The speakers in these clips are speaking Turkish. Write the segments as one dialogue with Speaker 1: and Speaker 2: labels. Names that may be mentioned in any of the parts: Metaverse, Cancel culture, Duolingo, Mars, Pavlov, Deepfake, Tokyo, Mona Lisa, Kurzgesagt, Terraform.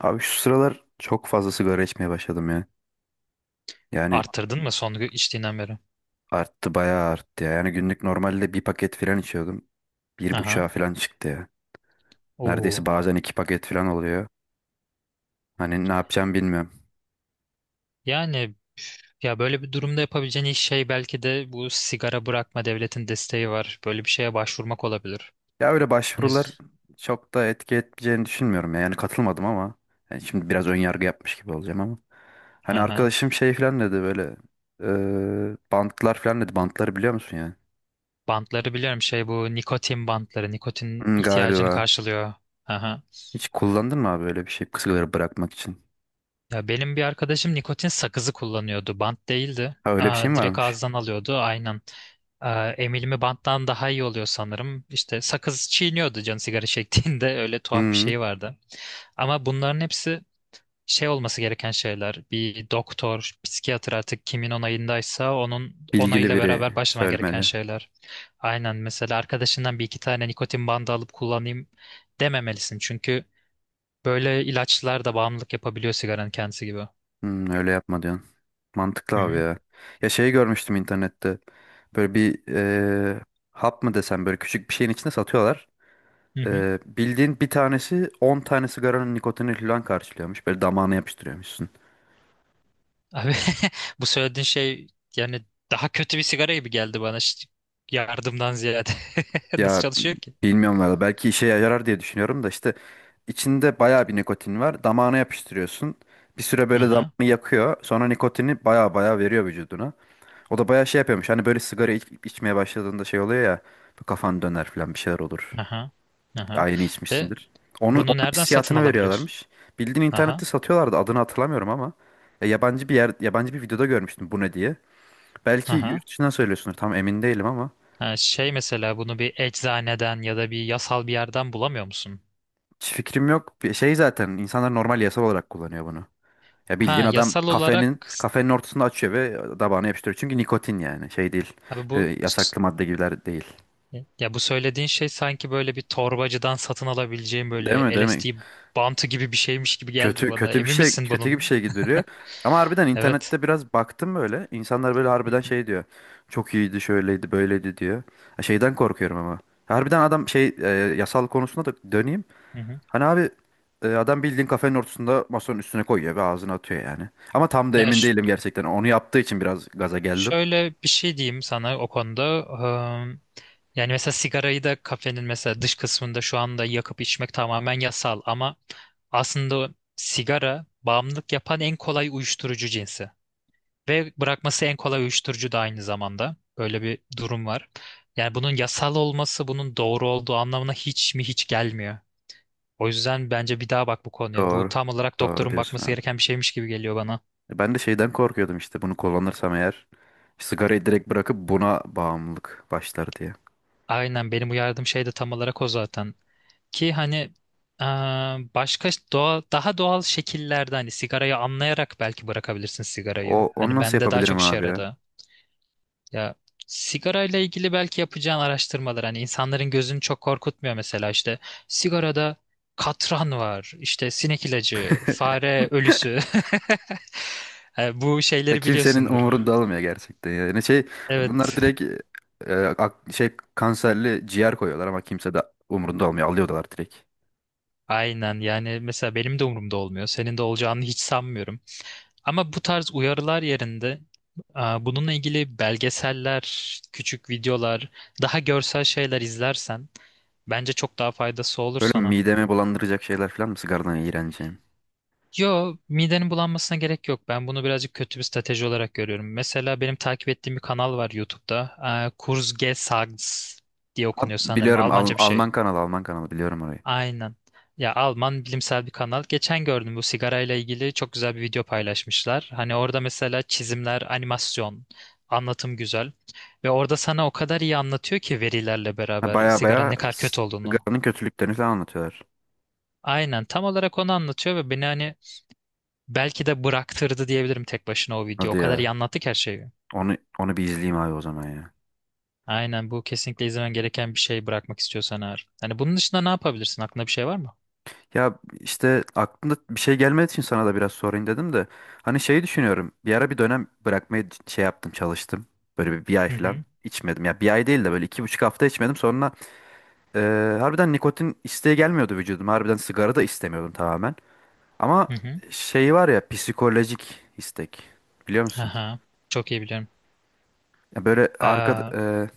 Speaker 1: Abi şu sıralar çok fazla sigara içmeye başladım ya. Yani
Speaker 2: Artırdın mı son içtiğinden beri?
Speaker 1: arttı bayağı arttı ya. Yani günlük normalde bir paket falan içiyordum. Bir
Speaker 2: Aha.
Speaker 1: buçuğa falan çıktı ya. Neredeyse
Speaker 2: Oo.
Speaker 1: bazen 2 paket falan oluyor. Hani ne yapacağım bilmiyorum.
Speaker 2: Yani ya böyle bir durumda yapabileceğin ilk şey belki de bu sigara bırakma devletin desteği var. Böyle bir şeye başvurmak olabilir.
Speaker 1: Ya öyle
Speaker 2: Hani
Speaker 1: başvurular çok da etki etmeyeceğini düşünmüyorum ya. Yani katılmadım ama. Yani şimdi biraz ön yargı yapmış gibi olacağım ama. Hani
Speaker 2: aha.
Speaker 1: arkadaşım şey falan dedi böyle. Bantlar falan dedi. Bantları biliyor musun yani?
Speaker 2: Bantları biliyorum şey bu nikotin bantları. Nikotin
Speaker 1: Hı,
Speaker 2: ihtiyacını
Speaker 1: galiba.
Speaker 2: karşılıyor. Aha.
Speaker 1: Hiç kullandın mı abi öyle bir şey? Sigara bırakmak için.
Speaker 2: Ya benim bir arkadaşım nikotin sakızı kullanıyordu. Bant değildi.
Speaker 1: Ha öyle bir şey
Speaker 2: Aa,
Speaker 1: mi
Speaker 2: direkt
Speaker 1: varmış?
Speaker 2: ağızdan alıyordu. Aynen. Ee, emilimi banttan daha iyi oluyor sanırım. İşte sakız çiğniyordu canı sigara çektiğinde öyle tuhaf bir
Speaker 1: Hmm,
Speaker 2: şey vardı. Ama bunların hepsi şey olması gereken şeyler. Bir doktor, psikiyatr artık kimin onayındaysa onun
Speaker 1: Bilgili
Speaker 2: onayıyla
Speaker 1: biri
Speaker 2: beraber başlaman gereken
Speaker 1: söylemeli.
Speaker 2: şeyler. Aynen mesela arkadaşından bir iki tane nikotin bandı alıp kullanayım dememelisin. Çünkü böyle ilaçlar da bağımlılık yapabiliyor sigaranın kendisi gibi.
Speaker 1: Öyle yapma diyorsun. Mantıklı
Speaker 2: Hı
Speaker 1: abi
Speaker 2: hı.
Speaker 1: ya. Ya şey görmüştüm internette. Böyle bir hap mı desem böyle küçük bir şeyin içinde satıyorlar.
Speaker 2: Hı hı.
Speaker 1: Bildiğin bir tanesi 10 tane sigaranın nikotini falan karşılıyormuş. Böyle damağına yapıştırıyormuşsun.
Speaker 2: Abi bu söylediğin şey yani daha kötü bir sigara gibi geldi bana. Yardımdan ziyade. Nasıl
Speaker 1: Ya
Speaker 2: çalışıyor ki?
Speaker 1: bilmiyorum valla belki işe yarar diye düşünüyorum da işte içinde bayağı bir nikotin var. Damağına yapıştırıyorsun. Bir süre böyle damağını
Speaker 2: Aha,
Speaker 1: yakıyor. Sonra nikotini bayağı bayağı veriyor vücuduna. O da bayağı şey yapıyormuş. Hani böyle sigara içmeye başladığında şey oluyor ya. Bu kafan döner falan bir şeyler olur.
Speaker 2: aha, aha.
Speaker 1: Aynı
Speaker 2: De
Speaker 1: içmişsindir. Onun
Speaker 2: bunu nereden satın
Speaker 1: hissiyatını
Speaker 2: alabiliyorsun?
Speaker 1: veriyorlarmış. Bildiğin
Speaker 2: Aha,
Speaker 1: internette satıyorlardı. Adını hatırlamıyorum ama. Ya yabancı bir yer, yabancı bir videoda görmüştüm bu ne diye. Belki
Speaker 2: aha.
Speaker 1: yurt dışından söylüyorsundur. Tam emin değilim ama.
Speaker 2: Ha, şey mesela bunu bir eczaneden ya da bir yasal bir yerden bulamıyor musun?
Speaker 1: Hiç fikrim yok. Bir şey zaten insanlar normal yasal olarak kullanıyor bunu. Ya
Speaker 2: Ha,
Speaker 1: bildiğin adam
Speaker 2: yasal olarak
Speaker 1: kafenin ortasında açıyor ve tabağına yapıştırıyor. Çünkü nikotin yani şey değil.
Speaker 2: abi bu
Speaker 1: Böyle yasaklı madde gibiler değil.
Speaker 2: ya bu söylediğin şey sanki böyle bir torbacıdan satın alabileceğim
Speaker 1: Değil
Speaker 2: böyle
Speaker 1: mi? Değil mi?
Speaker 2: LSD bantı gibi bir şeymiş gibi geldi
Speaker 1: Kötü
Speaker 2: bana.
Speaker 1: kötü bir
Speaker 2: Emin
Speaker 1: şey
Speaker 2: misin
Speaker 1: kötü gibi bir
Speaker 2: bunun?
Speaker 1: şey gibi duruyor. Ama harbiden
Speaker 2: Evet.
Speaker 1: internette biraz baktım böyle. İnsanlar böyle harbiden şey diyor. Çok iyiydi, şöyleydi, böyleydi diyor. Ha, şeyden korkuyorum ama. Harbiden adam şey yasal konusunda da döneyim. Hani abi adam bildiğin kafenin ortasında masanın üstüne koyuyor ve ağzına atıyor yani. Ama tam da
Speaker 2: Ya
Speaker 1: emin değilim gerçekten. Onu yaptığı için biraz gaza geldim.
Speaker 2: şöyle bir şey diyeyim sana o konuda. Eee, Yani mesela sigarayı da kafenin mesela dış kısmında şu anda yakıp içmek tamamen yasal ama aslında sigara bağımlılık yapan en kolay uyuşturucu cinsi. Ve bırakması en kolay uyuşturucu da aynı zamanda. Böyle bir durum var. Yani bunun yasal olması bunun doğru olduğu anlamına hiç mi hiç gelmiyor. O yüzden bence bir daha bak bu konuya. Bu
Speaker 1: Doğru.
Speaker 2: tam olarak
Speaker 1: Doğru
Speaker 2: doktorun
Speaker 1: diyorsun
Speaker 2: bakması
Speaker 1: abi.
Speaker 2: gereken bir şeymiş gibi geliyor bana.
Speaker 1: Ben de şeyden korkuyordum işte bunu kullanırsam eğer sigarayı direkt bırakıp buna bağımlılık başlar diye.
Speaker 2: Aynen benim uyardığım şey de tam olarak o zaten. Ki hani e, daha doğal şekillerde hani sigarayı anlayarak belki bırakabilirsin sigarayı.
Speaker 1: Onu
Speaker 2: Hani
Speaker 1: nasıl
Speaker 2: bende daha
Speaker 1: yapabilirim
Speaker 2: çok işe
Speaker 1: abi ya?
Speaker 2: yaradı. Ya sigarayla ilgili belki yapacağın araştırmalar hani insanların gözünü çok korkutmuyor mesela işte sigarada katran var, işte sinek ilacı, fare ölüsü. Bu
Speaker 1: Ya
Speaker 2: şeyleri
Speaker 1: kimsenin
Speaker 2: biliyorsundur.
Speaker 1: umurunda olmuyor gerçekten ya. Yani şey adamlar
Speaker 2: Evet,
Speaker 1: direkt şey kanserli ciğer koyuyorlar ama kimse de umurunda olmuyor. Alıyorlar direkt.
Speaker 2: aynen. Yani mesela benim de umurumda olmuyor. Senin de olacağını hiç sanmıyorum. Ama bu tarz uyarılar yerinde aa, bununla ilgili belgeseller, küçük videolar, daha görsel şeyler izlersen bence çok daha faydası olur
Speaker 1: Böyle
Speaker 2: sana.
Speaker 1: midemi bulandıracak şeyler falan mı sigaradan iğreneceğim?
Speaker 2: Yo, midenin bulanmasına gerek yok. Ben bunu birazcık kötü bir strateji olarak görüyorum. Mesela benim takip ettiğim bir kanal var YouTube'da. Aa, Kurzgesagt diye
Speaker 1: Abi,
Speaker 2: okunuyor sanırım.
Speaker 1: biliyorum
Speaker 2: Almanca bir
Speaker 1: Alman
Speaker 2: şey.
Speaker 1: kanalı Alman kanalı biliyorum orayı.
Speaker 2: Aynen. Ya Alman bilimsel bir kanal. Geçen gördüm bu sigarayla ilgili çok güzel bir video paylaşmışlar. Hani orada mesela çizimler, animasyon, anlatım güzel. Ve orada sana o kadar iyi anlatıyor ki verilerle
Speaker 1: Ha,
Speaker 2: beraber
Speaker 1: baya
Speaker 2: sigaranın
Speaker 1: baya
Speaker 2: ne kadar kötü olduğunu.
Speaker 1: sigaranın kötülüklerini falan anlatıyorlar.
Speaker 2: Aynen tam olarak onu anlatıyor ve beni hani belki de bıraktırdı diyebilirim tek başına o video.
Speaker 1: Hadi
Speaker 2: O kadar iyi
Speaker 1: ya.
Speaker 2: anlattı ki her şeyi.
Speaker 1: Onu bir izleyeyim abi o zaman ya.
Speaker 2: Aynen bu kesinlikle izlemen gereken bir şey bırakmak istiyorsan eğer. Hani bunun dışında ne yapabilirsin? Aklında bir şey var mı?
Speaker 1: Ya işte aklımda bir şey gelmediği için sana da biraz sorayım dedim de. Hani şeyi düşünüyorum. Bir ara bir dönem bırakmayı şey yaptım çalıştım. Böyle bir ay
Speaker 2: Hı
Speaker 1: falan
Speaker 2: hı.
Speaker 1: içmedim. Ya bir ay değil de böyle 2,5 hafta içmedim. Sonra harbiden nikotin isteği gelmiyordu vücudum. Harbiden sigara da istemiyordum tamamen. Ama
Speaker 2: Hı hı.
Speaker 1: şey var ya psikolojik istek. Biliyor musun?
Speaker 2: Aha. Çok iyi biliyorum.
Speaker 1: Ya böyle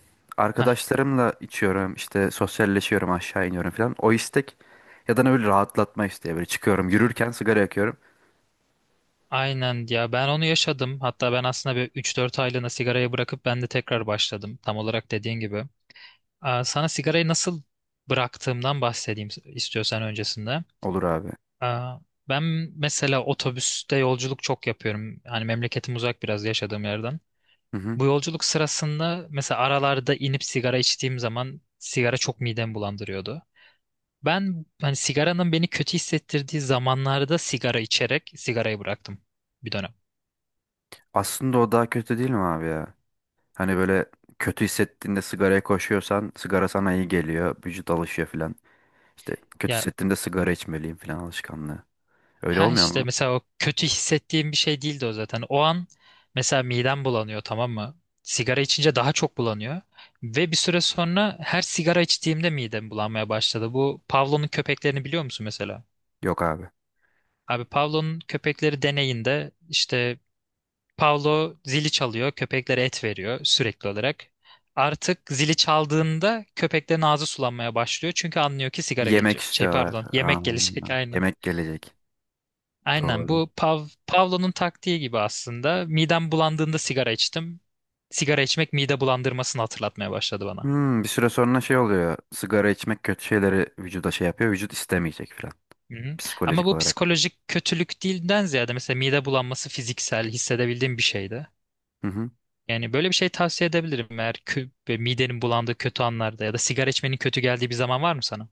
Speaker 2: Aa,
Speaker 1: arkadaşlarımla içiyorum. İşte sosyalleşiyorum aşağı iniyorum falan. O istek ya da ne böyle rahatlatma isteği. Böyle çıkıyorum yürürken sigara yakıyorum.
Speaker 2: aynen ya ben onu yaşadım. Hatta ben aslında bir 3-4 aylığına sigarayı bırakıp ben de tekrar başladım. Tam olarak dediğin gibi. Aa, sana sigarayı nasıl bıraktığımdan bahsedeyim istiyorsan öncesinde.
Speaker 1: Olur abi.
Speaker 2: Aa, ben mesela otobüste yolculuk çok yapıyorum. Hani memleketim uzak biraz yaşadığım yerden.
Speaker 1: Hı hı.
Speaker 2: Bu yolculuk sırasında mesela aralarda inip sigara içtiğim zaman sigara çok midemi bulandırıyordu. Ben hani sigaranın beni kötü hissettirdiği zamanlarda sigara içerek sigarayı bıraktım bir dönem.
Speaker 1: Aslında o daha kötü değil mi abi ya? Hani böyle kötü hissettiğinde sigaraya koşuyorsan sigara sana iyi geliyor. Vücut alışıyor filan. İşte kötü
Speaker 2: Ya
Speaker 1: hissettiğimde sigara içmeliyim filan alışkanlığı. Öyle
Speaker 2: ha
Speaker 1: olmuyor
Speaker 2: işte
Speaker 1: mu?
Speaker 2: mesela o kötü hissettiğim bir şey değildi o zaten. O an mesela midem bulanıyor, tamam mı? Sigara içince daha çok bulanıyor. Ve bir süre sonra her sigara içtiğimde midem bulanmaya başladı. Bu Pavlov'un köpeklerini biliyor musun mesela?
Speaker 1: Yok abi.
Speaker 2: Abi Pavlov'un köpekleri deneyinde işte Pavlov zili çalıyor, köpeklere et veriyor sürekli olarak. Artık zili çaldığında köpeklerin ağzı sulanmaya başlıyor çünkü anlıyor ki sigara
Speaker 1: Yemek
Speaker 2: gelecek. Şey
Speaker 1: istiyorlar.
Speaker 2: pardon,
Speaker 1: Aa,
Speaker 2: yemek gelecek aynen.
Speaker 1: yemek gelecek.
Speaker 2: Aynen
Speaker 1: Doğru.
Speaker 2: bu Pavlo'nun taktiği gibi aslında. Midem bulandığında sigara içtim. Sigara içmek mide bulandırmasını hatırlatmaya başladı bana.
Speaker 1: Bir süre sonra şey oluyor. Sigara içmek kötü şeyleri vücuda şey yapıyor. Vücut istemeyecek filan.
Speaker 2: Hı-hı. Ama
Speaker 1: Psikolojik
Speaker 2: bu
Speaker 1: olarak.
Speaker 2: psikolojik kötülük değilden ziyade mesela mide bulanması fiziksel hissedebildiğim bir şeydi.
Speaker 1: Hı hı.
Speaker 2: Yani böyle bir şey tavsiye edebilirim eğer ve midenin bulandığı kötü anlarda ya da sigara içmenin kötü geldiği bir zaman var mı sana?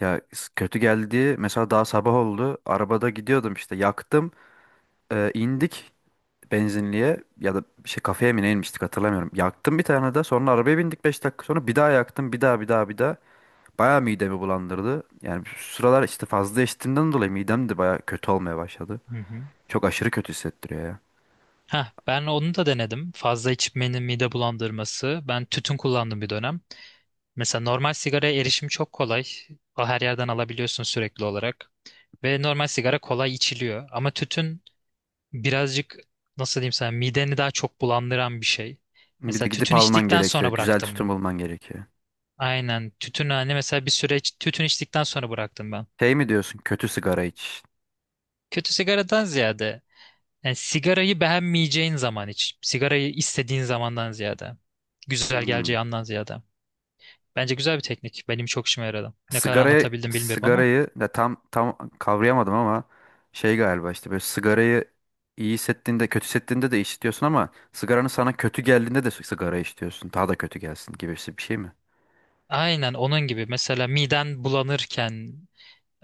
Speaker 1: Ya kötü geldi. Mesela daha sabah oldu. Arabada gidiyordum işte yaktım. İndik. Benzinliğe ya da bir şey kafeye mi ne inmiştik hatırlamıyorum. Yaktım bir tane de sonra arabaya bindik 5 dakika sonra bir daha yaktım bir daha bir daha bir daha. Bayağı midemi bulandırdı. Yani şu sıralar işte fazla içtiğimden dolayı midem de bayağı kötü olmaya başladı.
Speaker 2: Hı hı.
Speaker 1: Çok aşırı kötü hissettiriyor ya.
Speaker 2: Heh, ben onu da denedim. Fazla içmenin mide bulandırması. Ben tütün kullandım bir dönem. Mesela normal sigaraya erişim çok kolay. Her yerden alabiliyorsun sürekli olarak. Ve normal sigara kolay içiliyor. Ama tütün birazcık nasıl diyeyim sana mideni daha çok bulandıran bir şey.
Speaker 1: Bir
Speaker 2: Mesela
Speaker 1: de gidip
Speaker 2: tütün
Speaker 1: alman
Speaker 2: içtikten
Speaker 1: gerekiyor.
Speaker 2: sonra
Speaker 1: Güzel tütün
Speaker 2: bıraktım.
Speaker 1: bulman gerekiyor.
Speaker 2: Aynen tütün hani mesela bir süreç tütün içtikten sonra bıraktım ben.
Speaker 1: Şey mi diyorsun kötü sigara iç.
Speaker 2: Kötü sigaradan ziyade yani sigarayı beğenmeyeceğin zaman iç. Sigarayı istediğin zamandan ziyade. Güzel
Speaker 1: Hmm.
Speaker 2: geleceği andan ziyade. Bence güzel bir teknik. Benim çok işime yaradı. Ne kadar
Speaker 1: Sigarayı
Speaker 2: anlatabildim bilmiyorum ama.
Speaker 1: sigarayı da tam kavrayamadım ama şey galiba işte böyle sigarayı iyi hissettiğinde kötü hissettiğinde de içiyorsun ama sigaranın sana kötü geldiğinde de sigara içiyorsun. Daha da kötü gelsin gibisi bir şey mi?
Speaker 2: Aynen onun gibi. Mesela miden bulanırken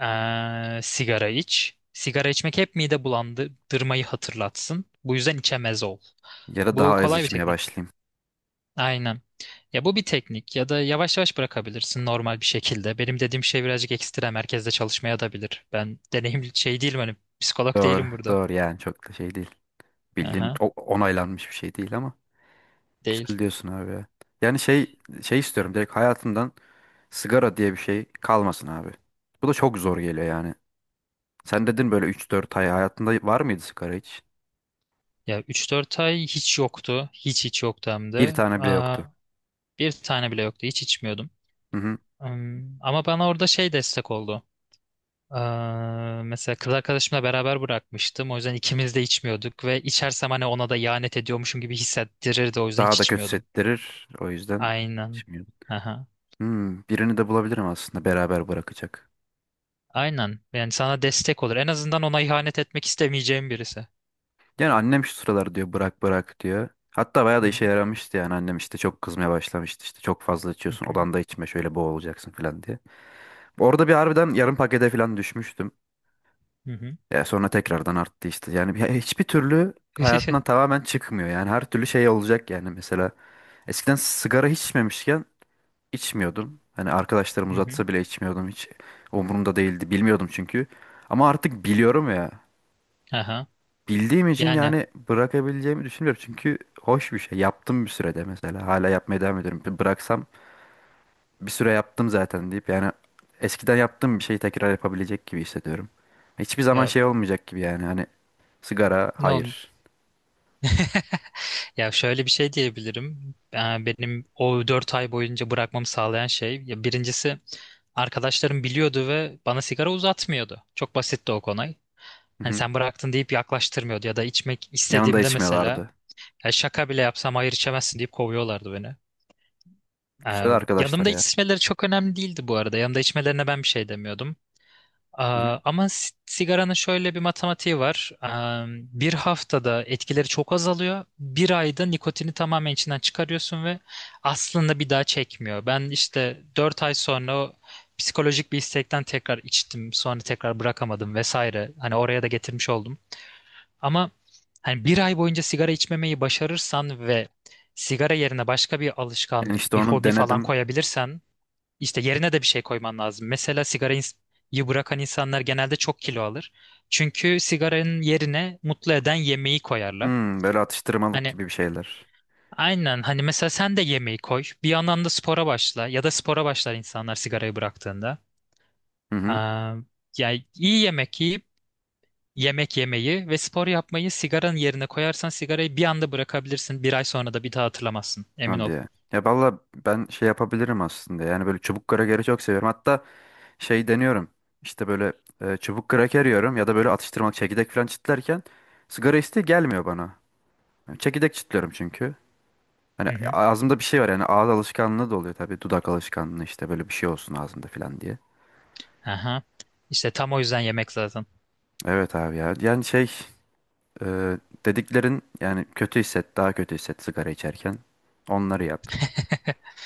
Speaker 2: Sigara iç. Sigara içmek hep mide bulandırmayı hatırlatsın. Bu yüzden içemez ol.
Speaker 1: Ya da daha
Speaker 2: Bu
Speaker 1: az
Speaker 2: kolay bir
Speaker 1: içmeye
Speaker 2: teknik.
Speaker 1: başlayayım.
Speaker 2: Aynen. Ya bu bir teknik ya da yavaş yavaş bırakabilirsin normal bir şekilde. Benim dediğim şey birazcık ekstrem merkezde çalışmaya da bilir. Ben deneyim şey değilim hani psikolog
Speaker 1: Doğru,
Speaker 2: değilim burada.
Speaker 1: doğru, yani çok da şey değil. Bildiğin
Speaker 2: Aha,
Speaker 1: onaylanmış bir şey değil ama
Speaker 2: değil.
Speaker 1: güzel diyorsun abi ya. Yani şey istiyorum direkt hayatımdan sigara diye bir şey kalmasın abi. Bu da çok zor geliyor yani. Sen dedin böyle 3-4 ay hayatında var mıydı sigara hiç?
Speaker 2: Ya 3-4 ay hiç yoktu. Hiç hiç yoktu hem
Speaker 1: Bir
Speaker 2: de.
Speaker 1: tane bile
Speaker 2: Aa,
Speaker 1: yoktu.
Speaker 2: bir tane bile yoktu. Hiç içmiyordum.
Speaker 1: Hı hı.
Speaker 2: Hmm, ama bana orada şey destek oldu. Mesela kız arkadaşımla beraber bırakmıştım. O yüzden ikimiz de içmiyorduk ve içersem hani ona da ihanet ediyormuşum gibi hissettirirdi. O yüzden
Speaker 1: Daha
Speaker 2: hiç
Speaker 1: da kötü
Speaker 2: içmiyordum.
Speaker 1: settirir. O yüzden
Speaker 2: Aynen.
Speaker 1: şimdi
Speaker 2: Aha.
Speaker 1: birini de bulabilirim aslında beraber bırakacak.
Speaker 2: Aynen. Yani sana destek olur. En azından ona ihanet etmek istemeyeceğim birisi.
Speaker 1: Yani annem şu sıralar diyor bırak bırak diyor. Hatta bayağı
Speaker 2: Hı
Speaker 1: da işe
Speaker 2: hı.
Speaker 1: yaramıştı yani annem işte çok kızmaya başlamıştı işte çok fazla
Speaker 2: Hı
Speaker 1: içiyorsun
Speaker 2: hı.
Speaker 1: odanda içme şöyle boğulacaksın falan diye. Orada bir harbiden yarım pakete falan düşmüştüm.
Speaker 2: Hı hı.
Speaker 1: Ya sonra tekrardan arttı işte yani hiçbir türlü hayatından tamamen çıkmıyor yani her türlü şey olacak yani mesela eskiden sigara hiç içmemişken içmiyordum. Hani arkadaşlarım
Speaker 2: Hı hı.
Speaker 1: uzatsa bile içmiyordum hiç. Umurumda değildi. Bilmiyordum çünkü. Ama artık biliyorum ya.
Speaker 2: Aha.
Speaker 1: Bildiğim için
Speaker 2: Yani
Speaker 1: yani bırakabileceğimi düşünmüyorum. Çünkü hoş bir şey. Yaptım bir sürede mesela. Hala yapmaya devam ediyorum. Bir bıraksam bir süre yaptım zaten deyip yani eskiden yaptığım bir şeyi tekrar yapabilecek gibi hissediyorum. Hiçbir zaman
Speaker 2: ya
Speaker 1: şey olmayacak gibi yani. Hani sigara
Speaker 2: ne ol
Speaker 1: hayır.
Speaker 2: Ya şöyle bir şey diyebilirim. Benim o 4 ay boyunca bırakmamı sağlayan şey, ya birincisi arkadaşlarım biliyordu ve bana sigara uzatmıyordu. Çok basitti o konu.
Speaker 1: Hı
Speaker 2: Hani
Speaker 1: hı.
Speaker 2: sen bıraktın deyip yaklaştırmıyordu ya da içmek
Speaker 1: Yanında
Speaker 2: istediğimde mesela
Speaker 1: içmiyorlardı.
Speaker 2: ya şaka bile yapsam hayır içemezsin deyip kovuyorlardı beni. Ee,
Speaker 1: Güzel arkadaşlar
Speaker 2: yanımda
Speaker 1: ya.
Speaker 2: içmeleri çok önemli değildi bu arada. Yanımda içmelerine ben bir şey demiyordum.
Speaker 1: Hı hı.
Speaker 2: Aa, ama sigaranın şöyle bir matematiği var. Bir haftada etkileri çok azalıyor. Bir ayda nikotini tamamen içinden çıkarıyorsun ve aslında bir daha çekmiyor. Ben işte 4 ay sonra o psikolojik bir istekten tekrar içtim. Sonra tekrar bırakamadım vesaire. Hani oraya da getirmiş oldum. Ama hani bir ay boyunca sigara içmemeyi başarırsan ve sigara yerine başka bir
Speaker 1: Yani
Speaker 2: alışkanlık,
Speaker 1: işte
Speaker 2: bir
Speaker 1: onu
Speaker 2: hobi falan
Speaker 1: denedim.
Speaker 2: koyabilirsen işte yerine de bir şey koyman lazım. Mesela sigarayı bırakan insanlar genelde çok kilo alır. Çünkü sigaranın yerine mutlu eden yemeği koyarlar.
Speaker 1: Böyle atıştırmalık
Speaker 2: Hani
Speaker 1: gibi bir şeyler.
Speaker 2: aynen hani mesela sen de yemeği koy. Bir yandan da spora başla ya da spora başlar insanlar sigarayı bıraktığında.
Speaker 1: Hı hı.
Speaker 2: Aa, yani iyi yemek yiyip yemek yemeyi ve spor yapmayı sigaranın yerine koyarsan sigarayı bir anda bırakabilirsin. Bir ay sonra da bir daha hatırlamazsın. Emin
Speaker 1: Hadi
Speaker 2: ol.
Speaker 1: ya. Ya valla ben şey yapabilirim aslında. Yani böyle çubuk krakeri çok seviyorum. Hatta şey deniyorum. İşte böyle çubuk kraker yiyorum ya da böyle atıştırmalık çekirdek falan çitlerken sigara isteği gelmiyor bana. Yani çekirdek çitliyorum çünkü. Hani
Speaker 2: Hı hı.
Speaker 1: ağzımda bir şey var yani ağız alışkanlığı da oluyor tabii. Dudak alışkanlığı işte böyle bir şey olsun ağzımda falan diye.
Speaker 2: Aha. İşte tam o yüzden yemek zaten.
Speaker 1: Evet abi ya. Yani şey e, dediklerin yani kötü hisset, daha kötü hisset sigara içerken. Onları yap.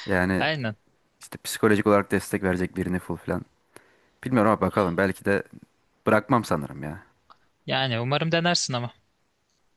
Speaker 1: Yani
Speaker 2: Aynen.
Speaker 1: işte psikolojik olarak destek verecek birini bul falan. Bilmiyorum ama bakalım. Belki de bırakmam sanırım ya.
Speaker 2: Yani umarım denersin ama.